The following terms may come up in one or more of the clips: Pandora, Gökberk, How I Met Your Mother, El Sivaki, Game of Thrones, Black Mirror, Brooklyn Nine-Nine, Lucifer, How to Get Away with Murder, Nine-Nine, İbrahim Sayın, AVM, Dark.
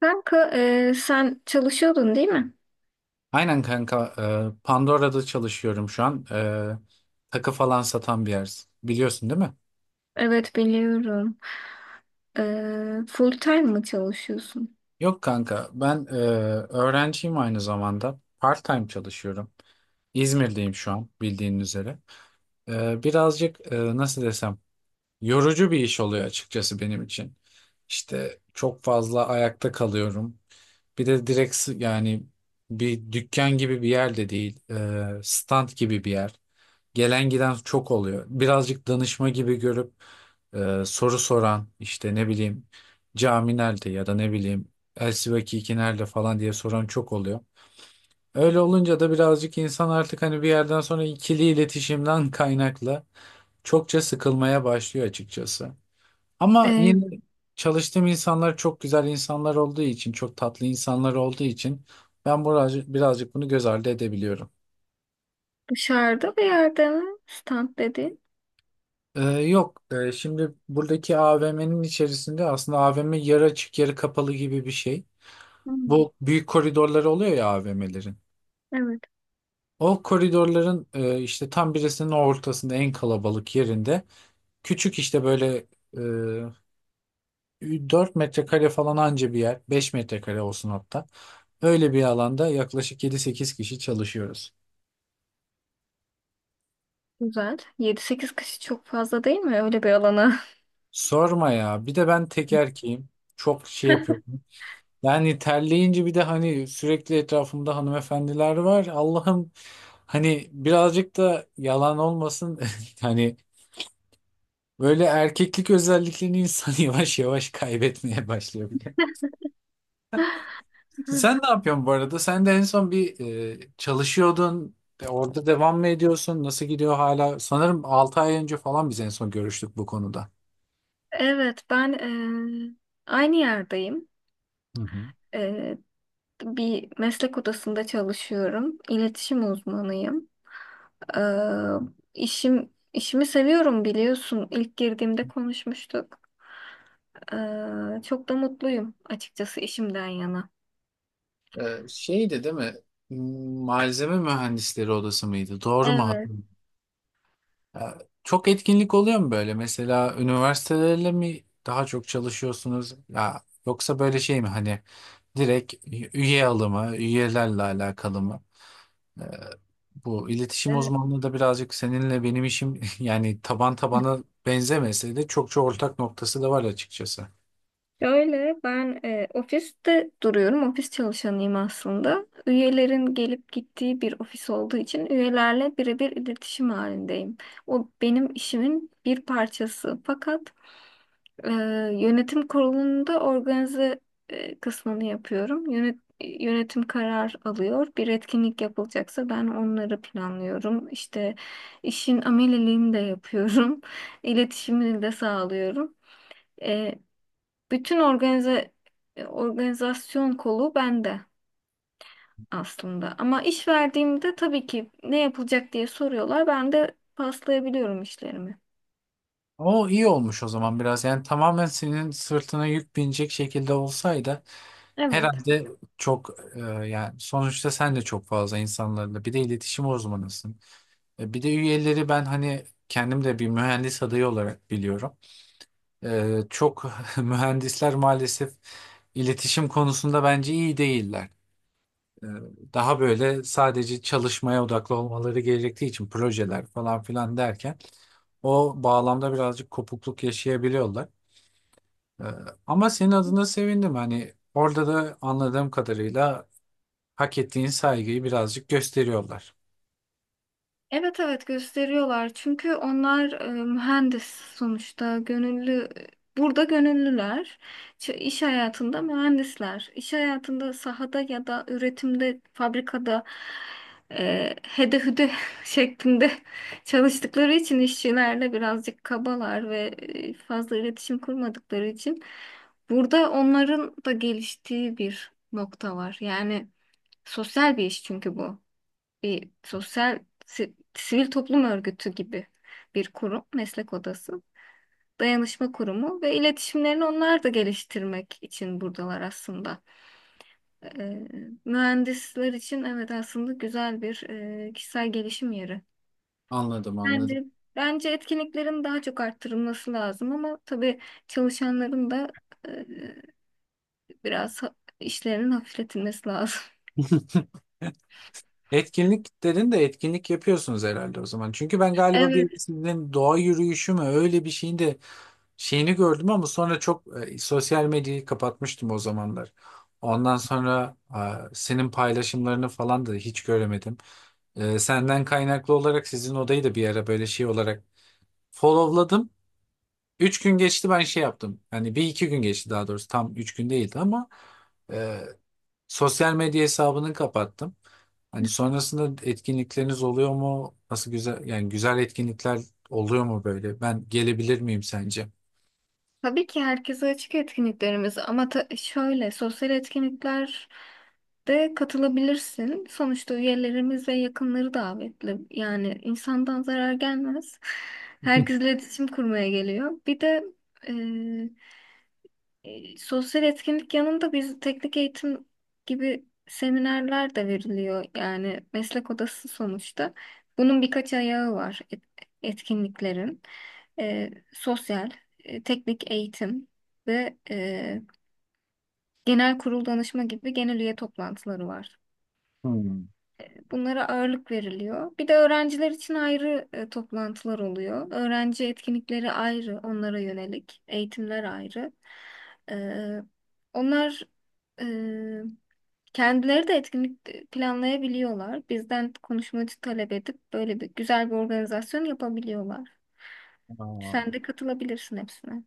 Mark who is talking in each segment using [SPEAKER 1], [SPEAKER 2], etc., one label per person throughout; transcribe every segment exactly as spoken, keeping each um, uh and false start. [SPEAKER 1] Kanka, e, sen çalışıyordun değil mi?
[SPEAKER 2] Aynen kanka. e, Pandora'da çalışıyorum şu an. E, takı falan satan bir yer. Biliyorsun değil mi?
[SPEAKER 1] Evet, biliyorum. E, full time mı çalışıyorsun?
[SPEAKER 2] Yok kanka. Ben e, öğrenciyim aynı zamanda. Part-time çalışıyorum. İzmir'deyim şu an bildiğin üzere. E, birazcık, e, nasıl desem, yorucu bir iş oluyor açıkçası benim için. İşte çok fazla ayakta kalıyorum. Bir de direkt s- yani bir dükkan gibi bir yer de değil. E, stand gibi bir yer. Gelen giden çok oluyor. Birazcık danışma gibi görüp e, soru soran, işte ne bileyim, cami nerede ya da ne bileyim El Sivaki iki nerede falan diye soran çok oluyor. Öyle olunca da birazcık insan artık hani bir yerden sonra ikili iletişimden kaynaklı çokça sıkılmaya başlıyor açıkçası. Ama
[SPEAKER 1] E,
[SPEAKER 2] yine çalıştığım insanlar çok güzel insanlar olduğu için, çok tatlı insanlar olduğu için ben birazcık, birazcık bunu göz ardı edebiliyorum.
[SPEAKER 1] Dışarıda bir yerde mi? Stand dedi.
[SPEAKER 2] Ee, yok. Ee, şimdi buradaki A V M'nin içerisinde aslında, A V M yarı açık yarı kapalı gibi bir şey.
[SPEAKER 1] Hmm,
[SPEAKER 2] Bu büyük koridorları oluyor ya A V M'lerin.
[SPEAKER 1] evet,
[SPEAKER 2] O koridorların, e, işte, tam birisinin ortasında, en kalabalık yerinde, küçük, işte böyle, e, dört metrekare falan anca bir yer, beş metrekare olsun hatta. Öyle bir alanda yaklaşık yedi sekiz kişi çalışıyoruz.
[SPEAKER 1] güzel. Yedi sekiz kişi çok fazla değil mi öyle bir alana?
[SPEAKER 2] Sorma ya, bir de ben tek erkeğim, çok şey yapıyorum. Yani terleyince, bir de hani sürekli etrafımda hanımefendiler var. Allah'ım, hani birazcık da yalan olmasın. Hani böyle erkeklik özelliklerini insan yavaş yavaş kaybetmeye başlıyor bile. Sen ne yapıyorsun bu arada? Sen de en son bir, e, çalışıyordun. E, Orada devam mı ediyorsun? Nasıl gidiyor hala? Sanırım altı ay önce falan biz en son görüştük bu konuda.
[SPEAKER 1] Evet, ben e, aynı yerdeyim.
[SPEAKER 2] Hı hı.
[SPEAKER 1] E, Bir meslek odasında çalışıyorum. İletişim uzmanıyım. Ee, işim işimi seviyorum, biliyorsun. İlk girdiğimde konuşmuştuk. Ee, çok da mutluyum açıkçası işimden yana.
[SPEAKER 2] Ee, şeydi değil mi? Malzeme mühendisleri odası mıydı? Doğru mu
[SPEAKER 1] Evet,
[SPEAKER 2] hatırlıyorum? Ya, çok etkinlik oluyor mu böyle? Mesela üniversitelerle mi daha çok çalışıyorsunuz? Ya yoksa böyle şey mi, hani direkt üye alımı, üyelerle alakalı mı? Ee, Bu iletişim
[SPEAKER 1] evet.
[SPEAKER 2] uzmanlığı da birazcık seninle benim işim, yani taban tabana benzemese de, çok çok ortak noktası da var açıkçası.
[SPEAKER 1] Öyle, ben e, ofiste duruyorum. Ofis çalışanıyım aslında. Üyelerin gelip gittiği bir ofis olduğu için üyelerle birebir iletişim halindeyim. O benim işimin bir parçası. Fakat, Ee, yönetim kurulunda organize e, kısmını yapıyorum. Yönet- yönetim karar alıyor. Bir etkinlik yapılacaksa ben onları planlıyorum. İşte, işin ameliliğini de yapıyorum. İletişimini de sağlıyorum. Ee, Bütün organize e, organizasyon kolu bende aslında. Ama iş verdiğimde tabii ki ne yapılacak diye soruyorlar. Ben de paslayabiliyorum işlerimi.
[SPEAKER 2] O iyi olmuş o zaman biraz. Yani tamamen senin sırtına yük binecek şekilde olsaydı
[SPEAKER 1] Evet.
[SPEAKER 2] herhalde çok, e, yani sonuçta sen de çok fazla insanlarla, bir de iletişim uzmanısın. E, bir de üyeleri ben, hani kendim de bir mühendis adayı olarak biliyorum. E, çok mühendisler maalesef iletişim konusunda bence iyi değiller. E, Daha böyle sadece çalışmaya odaklı olmaları gerektiği için, projeler falan filan derken, o bağlamda birazcık kopukluk yaşayabiliyorlar. Ee, Ama senin adına sevindim. Hani orada da anladığım kadarıyla hak ettiğin saygıyı birazcık gösteriyorlar.
[SPEAKER 1] Evet, evet, gösteriyorlar. Çünkü onlar e, mühendis sonuçta, gönüllü, burada gönüllüler. Ç- iş hayatında mühendisler. İş hayatında sahada ya da üretimde, fabrikada, e, hede hüde şeklinde çalıştıkları için işçilerle birazcık kabalar ve e, fazla iletişim kurmadıkları için burada onların da geliştiği bir nokta var. Yani sosyal bir iş, çünkü bu bir sosyal, si- sivil toplum örgütü gibi bir kurum, meslek odası, dayanışma kurumu ve iletişimlerini onlar da geliştirmek için buradalar aslında. Ee, Mühendisler için evet, aslında güzel bir e, kişisel gelişim yeri.
[SPEAKER 2] Anladım, anladım.
[SPEAKER 1] Bence bence etkinliklerin daha çok arttırılması lazım, ama tabii çalışanların da e, biraz ha- işlerinin hafifletilmesi lazım.
[SPEAKER 2] Etkinlik dedin de, etkinlik yapıyorsunuz herhalde o zaman. Çünkü ben galiba
[SPEAKER 1] Evet.
[SPEAKER 2] bir sizin doğa yürüyüşü mü, öyle bir şeyin de şeyini gördüm, ama sonra çok, e, sosyal medyayı kapatmıştım o zamanlar. Ondan sonra e, senin paylaşımlarını falan da hiç göremedim. E, senden kaynaklı olarak sizin odayı da bir ara böyle şey olarak followladım. Üç gün geçti, ben şey yaptım. Yani bir iki gün geçti daha doğrusu, tam üç gün değildi, ama e, sosyal medya hesabını kapattım. Hani sonrasında etkinlikleriniz oluyor mu? Nasıl, güzel, yani güzel etkinlikler oluyor mu böyle? Ben gelebilir miyim sence?
[SPEAKER 1] Tabii ki herkese açık etkinliklerimiz, ama ta- şöyle sosyal etkinlikler de katılabilirsin. Sonuçta üyelerimiz ve yakınları davetli. Yani insandan zarar gelmez. Herkesle iletişim kurmaya geliyor. Bir de e, sosyal etkinlik yanında biz teknik eğitim gibi seminerler de veriliyor. Yani meslek odası sonuçta. Bunun birkaç ayağı var, et- etkinliklerin. E, sosyal, e, teknik eğitim ve e, genel kurul danışma gibi genel üye toplantıları var.
[SPEAKER 2] Hmm.
[SPEAKER 1] Bunlara ağırlık veriliyor. Bir de öğrenciler için ayrı e, toplantılar oluyor. Öğrenci etkinlikleri ayrı, onlara yönelik. Eğitimler ayrı. Ee, Onlar e, kendileri de etkinlik planlayabiliyorlar. Bizden konuşmacı talep edip böyle bir güzel bir organizasyon yapabiliyorlar.
[SPEAKER 2] Aa,
[SPEAKER 1] Sen de katılabilirsin hepsine.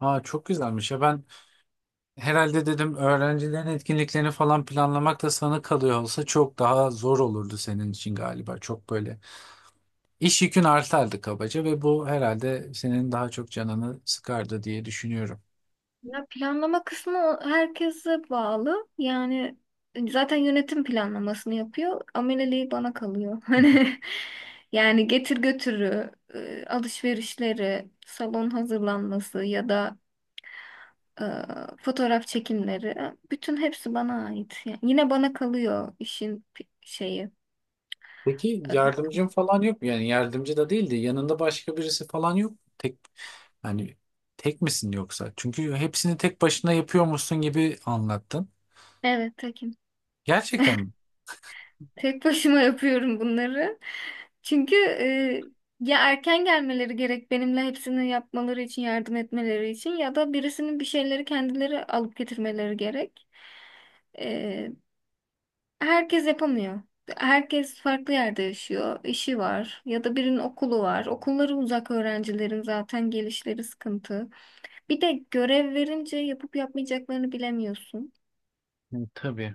[SPEAKER 2] aa, çok güzelmiş ya, ben herhalde dedim, öğrencilerin etkinliklerini falan planlamak da sana kalıyor olsa çok daha zor olurdu senin için galiba, çok böyle iş yükün artardı kabaca, ve bu herhalde senin daha çok canını sıkardı diye düşünüyorum.
[SPEAKER 1] Ya planlama kısmı o- herkese bağlı. Yani zaten yönetim planlamasını yapıyor. Ameleliği bana kalıyor. Hani, yani getir götürü, e, alışverişleri, salon hazırlanması ya da e, fotoğraf çekimleri, e, bütün hepsi bana ait. Yani yine bana kalıyor işin pi- şeyi.
[SPEAKER 2] Peki
[SPEAKER 1] e,
[SPEAKER 2] yardımcın falan yok mu? Yani yardımcı da değildi, yanında başka birisi falan yok mu? Tek, hani tek misin yoksa? Çünkü hepsini tek başına yapıyormuşsun gibi anlattın.
[SPEAKER 1] Evet, tekim.
[SPEAKER 2] Gerçekten mi?
[SPEAKER 1] Tek başıma yapıyorum bunları. Çünkü e, ya erken gelmeleri gerek benimle hepsini yapmaları için yardım etmeleri için ya da birisinin bir şeyleri kendileri alıp getirmeleri gerek. E, Herkes yapamıyor. Herkes farklı yerde yaşıyor, işi var ya da birinin okulu var. Okulları uzak öğrencilerin zaten gelişleri sıkıntı. Bir de görev verince yapıp yapmayacaklarını bilemiyorsun.
[SPEAKER 2] Hı, tabii.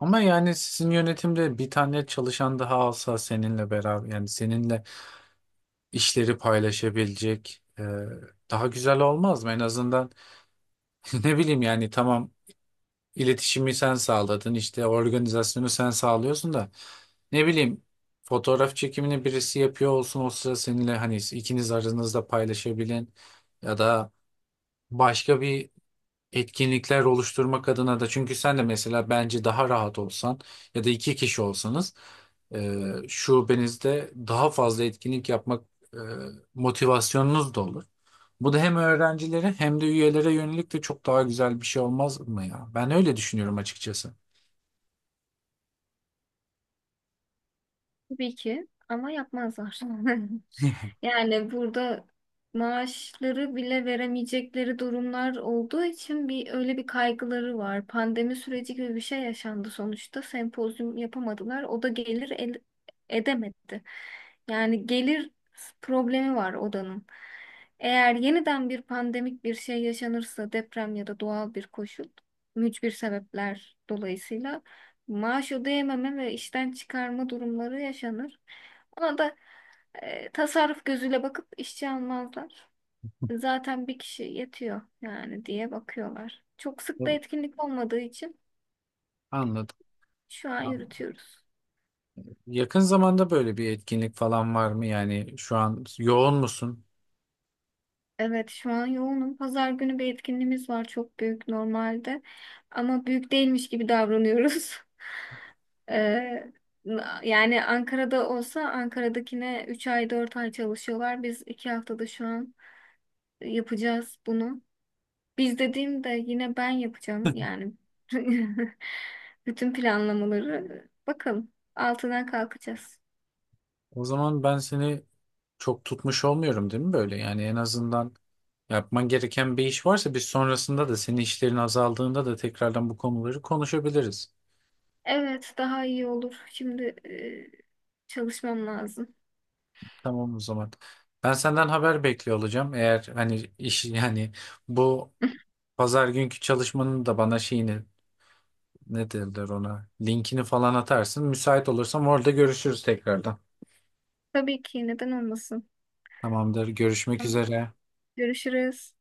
[SPEAKER 2] Ama yani sizin yönetimde bir tane çalışan daha alsa seninle beraber, yani seninle işleri paylaşabilecek, e, daha güzel olmaz mı? En azından, ne bileyim, yani tamam, İletişimi sen sağladın, işte organizasyonu sen sağlıyorsun da, ne bileyim, fotoğraf çekimini birisi yapıyor olsun o sıra seninle, hani ikiniz aranızda paylaşabilen, ya da başka bir etkinlikler oluşturmak adına da, çünkü sen de mesela bence daha rahat olsan ya da iki kişi olsanız, e, şubenizde daha fazla etkinlik yapmak e, motivasyonunuz da olur. Bu da hem öğrencilere hem de üyelere yönelik de çok daha güzel bir şey olmaz mı ya? Ben öyle düşünüyorum açıkçası.
[SPEAKER 1] Tabii ki ama yapmazlar. Yani burada maaşları bile veremeyecekleri durumlar olduğu için bir öyle bir kaygıları var. Pandemi süreci gibi bir şey yaşandı sonuçta. Sempozyum yapamadılar. O da gelir el- edemedi. Yani gelir problemi var odanın. Eğer yeniden bir pandemik bir şey yaşanırsa, deprem ya da doğal bir koşul, mücbir sebepler dolayısıyla maaş ödeyememe ve işten çıkarma durumları yaşanır. Ona da e, tasarruf gözüyle bakıp işçi almazlar. Zaten bir kişi yetiyor yani diye bakıyorlar. Çok sık da etkinlik olmadığı için
[SPEAKER 2] Anladım.
[SPEAKER 1] şu an
[SPEAKER 2] Anladım.
[SPEAKER 1] yürütüyoruz.
[SPEAKER 2] Yakın zamanda böyle bir etkinlik falan var mı? Yani şu an yoğun musun?
[SPEAKER 1] Evet, şu an yoğunum. Pazar günü bir etkinliğimiz var, çok büyük normalde. Ama büyük değilmiş gibi davranıyoruz. E, Yani Ankara'da olsa Ankara'dakine üç ay dört ay çalışıyorlar. Biz iki haftada şu an yapacağız bunu. Biz dediğimde yine ben yapacağım yani. Bütün planlamaları bakalım. Altından kalkacağız.
[SPEAKER 2] O zaman ben seni çok tutmuş olmuyorum değil mi böyle? Yani en azından, yapman gereken bir iş varsa, biz sonrasında da, senin işlerin azaldığında da tekrardan bu konuları konuşabiliriz.
[SPEAKER 1] Evet, daha iyi olur. Şimdi e, çalışmam lazım.
[SPEAKER 2] Tamam o zaman. Ben senden haber bekliyor olacağım. Eğer hani iş, yani bu pazar günkü çalışmanın da bana şeyini, ne derler ona, linkini falan atarsın. Müsait olursam orada görüşürüz tekrardan.
[SPEAKER 1] Tabii ki, neden olmasın.
[SPEAKER 2] Tamamdır. Görüşmek
[SPEAKER 1] Tamam,
[SPEAKER 2] üzere.
[SPEAKER 1] görüşürüz.